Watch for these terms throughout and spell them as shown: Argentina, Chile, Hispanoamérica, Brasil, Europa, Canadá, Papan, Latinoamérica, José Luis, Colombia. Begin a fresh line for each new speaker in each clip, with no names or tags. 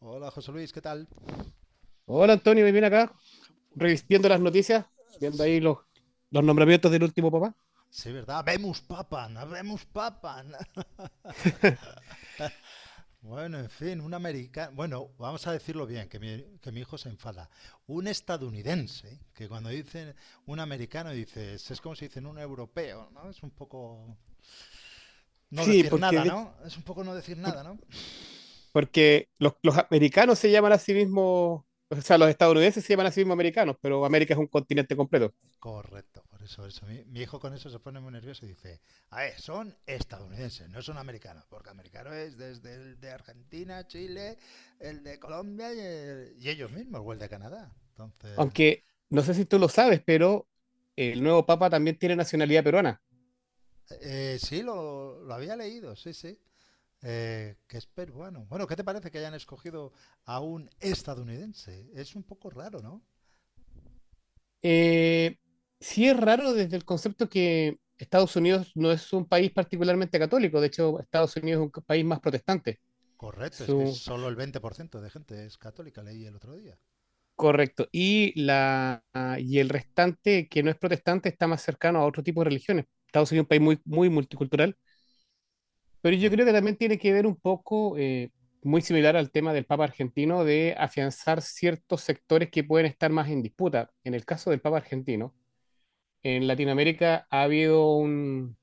Hola, José Luis, ¿qué tal?
Hola Antonio, me viene acá revistiendo las noticias, viendo ahí los nombramientos del último papá.
Sí, ¿verdad? Vemos Papan, vemos Papan. Bueno, en fin, un americano. Bueno, vamos a decirlo bien, que mi hijo se enfada. Un estadounidense, que cuando dicen un americano, dices, es como si dicen un europeo, ¿no? Es un poco no
Sí,
decir
porque,
nada, ¿no? Es un poco no decir
por-
nada, ¿no?
porque los americanos se llaman a sí mismos, o sea, los estadounidenses se llaman a sí mismos americanos, pero América es un continente completo.
Correcto, por eso. Mi hijo con eso se pone muy nervioso y dice, a ver, son estadounidenses, no son americanos, porque americano es desde el de Argentina, Chile, el de Colombia y ellos mismos, o el de Canadá. Entonces,
Aunque no sé si tú lo sabes, pero el nuevo papa también tiene nacionalidad peruana.
sí, lo había leído, sí, sí, que es peruano. Bueno, ¿qué te parece que hayan escogido a un estadounidense? Es un poco raro, ¿no?
Eh, sí es raro desde el concepto que Estados Unidos no es un país particularmente católico, de hecho Estados Unidos es un país más protestante.
Correcto, es que
Su,
solo el 20% de gente es católica, leí el otro día.
Correcto. Y el restante, que no es protestante, está más cercano a otro tipo de religiones. Estados Unidos es un país muy multicultural, pero yo
Cor-
creo que también tiene que ver un poco, muy similar al tema del Papa argentino, de afianzar ciertos sectores que pueden estar más en disputa. En el caso del Papa argentino, en Latinoamérica ha habido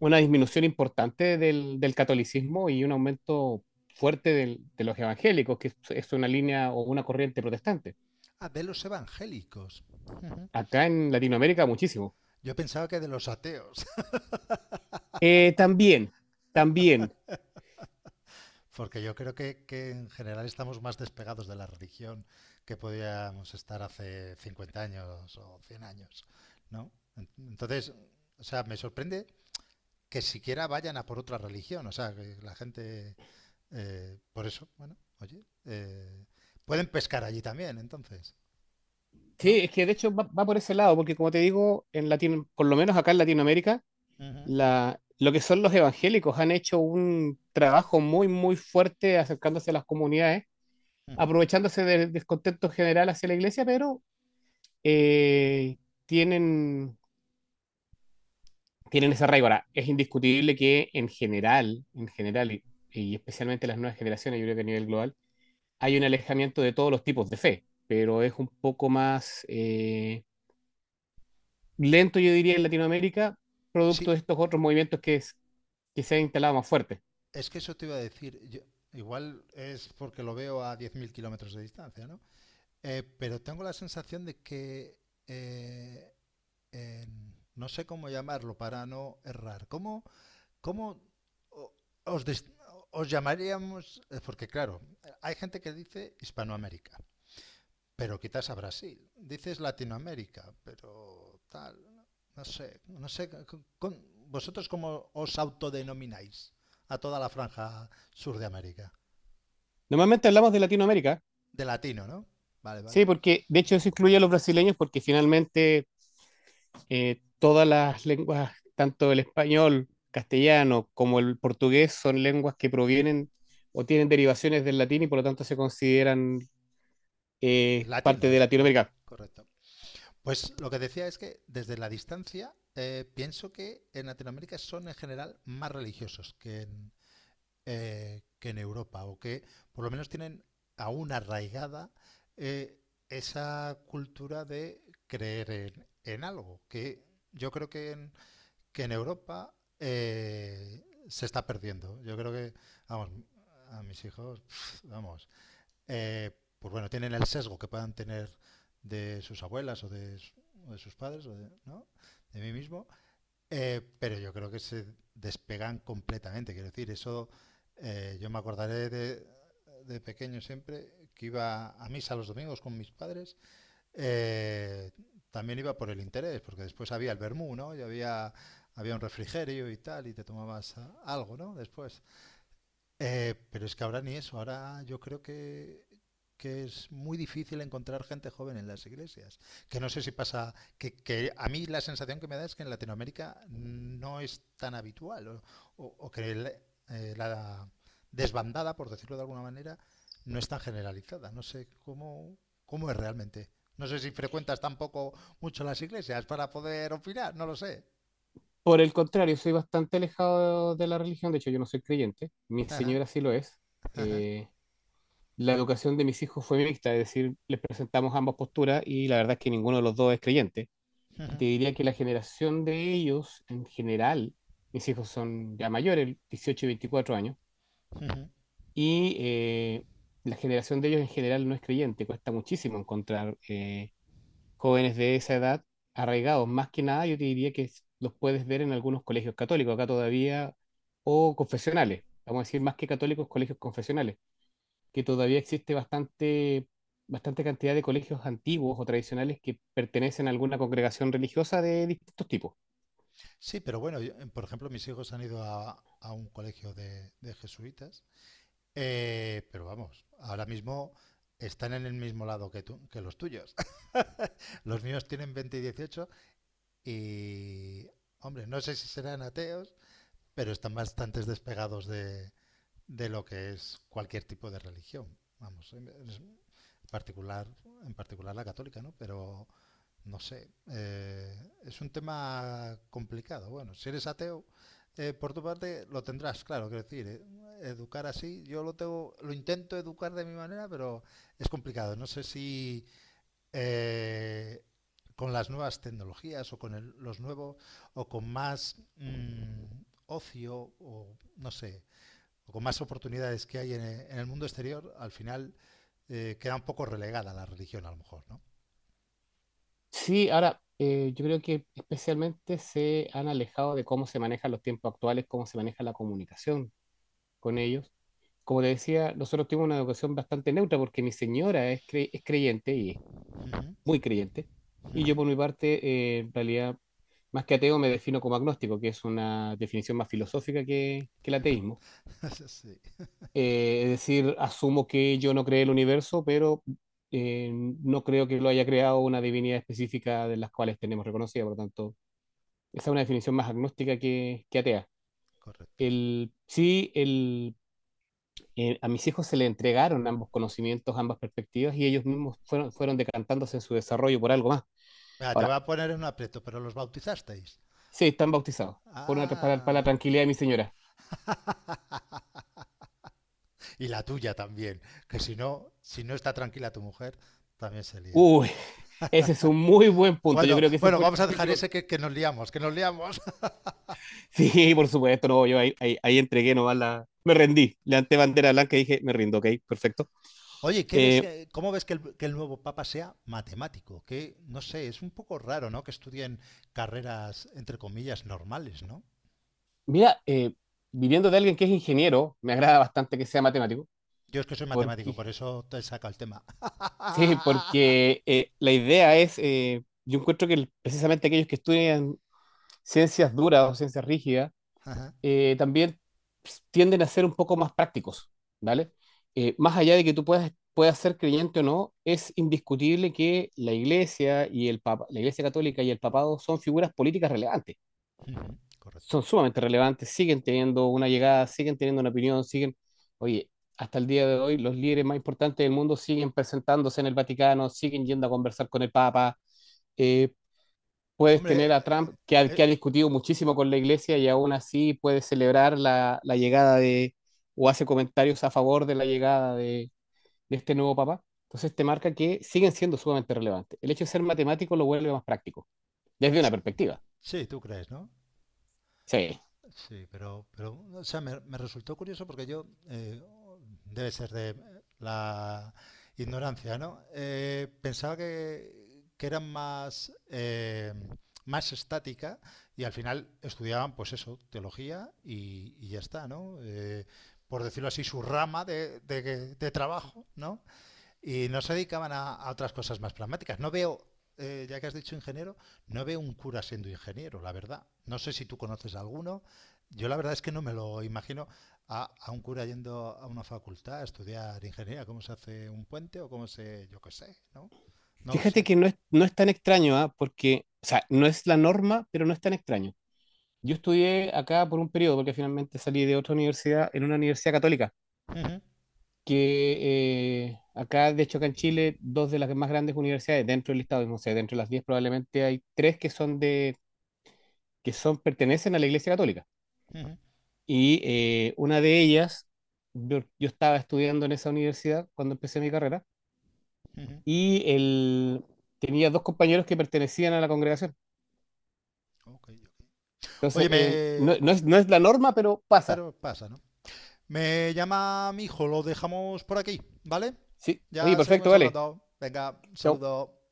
una disminución importante del catolicismo y un aumento fuerte de los evangélicos, que es una línea o una corriente protestante.
ah, de los evangélicos. Ujú.
Acá en Latinoamérica, muchísimo.
Yo pensaba que de los ateos,
También, también.
porque yo creo que en general estamos más despegados de la religión que podíamos estar hace 50 años o 100 años, ¿no? Entonces, o sea, me sorprende que siquiera vayan a por otra religión, o sea, que la gente, por eso, bueno, oye, pueden pescar allí también, entonces,
Sí,
¿no?
es que de hecho va por ese lado, porque como te digo, en Latino, por lo menos acá en Latinoamérica,
Ujú,
lo que son los evangélicos han hecho un trabajo muy fuerte acercándose a las comunidades,
ujú.
aprovechándose del descontento general hacia la iglesia, pero eh, tienen, tienen ese arraigo. Ahora, es indiscutible que en general, y especialmente las nuevas generaciones, yo creo que a nivel global, hay un alejamiento de todos los tipos de fe, pero es un poco lento, yo diría, en Latinoamérica, producto
Sí,
de estos otros movimientos que se han instalado más fuertes.
es que eso te iba a decir, igual es porque lo veo a 10.000 kilómetros de distancia, ¿no? Pero tengo la sensación de que eh, no sé cómo llamarlo para no errar. ¿Cómo, cómo o- os, des- os llamaríamos? Porque claro, hay gente que dice Hispanoamérica, pero quizás a Brasil. Dices Latinoamérica, pero tal. No sé, no sé. ¿Vosotros cómo os autodenomináis a toda la franja sur de América?
Normalmente hablamos de Latinoamérica,
De latino, ¿no? Vale, vale.
sí, porque de hecho eso incluye a los brasileños, porque finalmente todas las lenguas, tanto el español, castellano como el portugués, son lenguas que provienen o tienen derivaciones del latín y por lo tanto se consideran parte de
Latinas, tal,
Latinoamérica.
correcto. Pues lo que decía es que desde la distancia pienso que en Latinoamérica son en general más religiosos que en Europa o que por lo menos tienen aún arraigada eh, esa cultura de creer en algo que yo creo que en Europa se está perdiendo. Yo creo que, vamos, a mis hijos, vamos, eh, pues bueno, tienen el sesgo que puedan tener de sus abuelas o de sus padres, o de, ¿no? De mí mismo, pero yo creo que se despegan completamente. Quiero decir, eso yo me acordaré de pequeño siempre que iba a misa los domingos con mis padres. eh, También iba por el interés, porque después había el vermú, ¿no? Y había, había un refrigerio y tal, y te tomabas algo, ¿no? Después. Pero es que ahora ni eso, ahora yo creo que es muy difícil encontrar gente joven en las iglesias. Que no sé si pasa, que a mí la sensación que me da es que en Latinoamérica no es tan habitual, o, o que la desbandada, por decirlo de alguna manera, no es tan generalizada. No sé cómo, cómo es realmente. No sé si frecuentas tampoco mucho las iglesias para poder opinar, no lo sé.
Por el contrario, soy bastante alejado de la religión, de hecho yo no soy creyente, mi
Ajá,
señora sí lo es.
ajá,
eh, la educación de mis hijos fue mixta, es decir, les presentamos ambas posturas y la verdad es que ninguno de los dos es creyente. Y te diría que la generación de ellos en general, mis hijos son ya mayores, 18 y 24 años,
ujú, ujú.
y la generación de ellos en general no es creyente, cuesta muchísimo encontrar jóvenes de esa edad arraigados. Más que nada, yo te diría que los puedes ver en algunos colegios católicos acá todavía, o confesionales, vamos a decir más que católicos, colegios confesionales que todavía existe bastante cantidad de colegios antiguos o tradicionales que pertenecen a alguna congregación religiosa de distintos tipos.
Sí, pero bueno, por ejemplo, mis hijos han ido a un colegio de jesuitas, pero vamos, ahora mismo están en el mismo lado que tú, que los tuyos. Los míos tienen 20 y 18 y, hombre, no sé si serán ateos, pero están bastante despegados de lo que es cualquier tipo de religión. Vamos, en particular, en particular la católica, ¿no? Pero no sé, es un tema complicado. Bueno, si eres ateo, por tu parte lo tendrás, claro, quiero decir, educar así, yo lo tengo, lo intento educar de mi manera, pero es complicado. No sé si eh, con las nuevas tecnologías o con los nuevos o con más ocio o no sé, o con más oportunidades que hay en, en el mundo exterior, al final queda un poco relegada la religión a lo mejor, ¿no?
Sí, ahora, yo creo que especialmente se han alejado de cómo se manejan los tiempos actuales, cómo se maneja la comunicación con ellos. Como te decía, nosotros tuvimos una educación bastante neutra porque mi señora es creyente y es
Ujú,
muy creyente. Y yo por mi parte, en realidad, más que ateo, me defino como agnóstico, que es una definición más filosófica que el
ujú,
ateísmo.
sí,
Es decir, asumo que yo no creé el universo, pero no creo que lo haya creado una divinidad específica de las cuales tenemos reconocida. Por lo tanto, esa es una definición más agnóstica que atea.
correcto.
El, sí, el, a mis hijos se le entregaron ambos conocimientos, ambas perspectivas, y ellos mismos fueron decantándose en su desarrollo por algo más.
Mira, te voy
Ahora,
a poner en un aprieto, pero los bautizasteis.
sí, están bautizados, para
Ah.
la tranquilidad de mi señora.
Y la tuya también, que si no, si no está tranquila tu mujer, también se lía.
Uy, ese es un muy buen punto. Yo
Bueno,
creo que ese
bueno,
fue el
vamos a dejar
principal.
ese que nos liamos, que nos liamos.
Sí, por supuesto, no, yo ahí entregué nomás la... Me rendí, levanté bandera blanca y dije, me rindo, ok, perfecto.
Oye, ¿qué ves,
Eh,
¿cómo ves que el nuevo papa sea matemático? Que, no sé, es un poco raro, ¿no? Que estudien carreras, entre comillas, normales, ¿no?
mira, viniendo de alguien que es ingeniero, me agrada bastante que sea matemático,
Yo es que soy matemático,
porque
por eso te saca el tema.
sí, porque yo encuentro que precisamente aquellos que estudian ciencias duras o ciencias rígidas, también tienden a ser un poco más prácticos, ¿vale? Más allá de que tú puedas ser creyente o no, es indiscutible que la Iglesia y la Iglesia Católica y el Papado son figuras políticas relevantes,
Correcto.
son sumamente relevantes, siguen teniendo una llegada, siguen teniendo una opinión, siguen, oye, hasta el día de hoy los líderes más importantes del mundo siguen presentándose en el Vaticano, siguen yendo a conversar con el Papa. Eh, puedes tener
Hombre,
a Trump,
eh,
que ha discutido muchísimo con la iglesia y aún así puede celebrar la llegada de, o hace comentarios a favor de la llegada de este nuevo papa. Entonces te marca que siguen siendo sumamente relevantes. El hecho de ser matemático lo vuelve más práctico, desde una perspectiva.
sí, tú crees, ¿no?
Sí.
Sí, pero o sea, me resultó curioso porque yo, debe ser de la ignorancia, ¿no? Pensaba que eran más, más estática y al final estudiaban, pues eso, teología y ya está, ¿no? Por decirlo así, su rama de trabajo, ¿no? Y no se dedicaban a otras cosas más pragmáticas. No veo, ya que has dicho ingeniero, no veo un cura siendo ingeniero, la verdad. No sé si tú conoces a alguno. Yo la verdad es que no me lo imagino a un cura yendo a una facultad a estudiar ingeniería, cómo se hace un puente o cómo se, yo qué sé, ¿no? No lo
Fíjate
sé.
que no es tan extraño, ¿ah? Porque, o sea, no es la norma, pero no es tan extraño. Yo estudié acá por un periodo, porque finalmente salí de otra universidad, en una universidad católica.
Ujú,
Que de hecho, acá en Chile, dos de las más grandes universidades dentro del Estado, no sé, dentro de las 10 probablemente hay tres que son que son, pertenecen a la Iglesia Católica.
ujú,
Y una de ellas, yo estaba estudiando en esa universidad cuando empecé mi carrera,
ujú.
y tenía dos compañeros que pertenecían a la congregación.
Ok,
Entonces,
oye,
no,
me...
no es la norma, pero pasa.
Pero pasa, ¿no? Me llama mi hijo, lo dejamos por aquí, ¿vale?
Sí. Oye,
Ya
perfecto,
seguimos
vale.
hablando. Venga,
Chao.
saludo.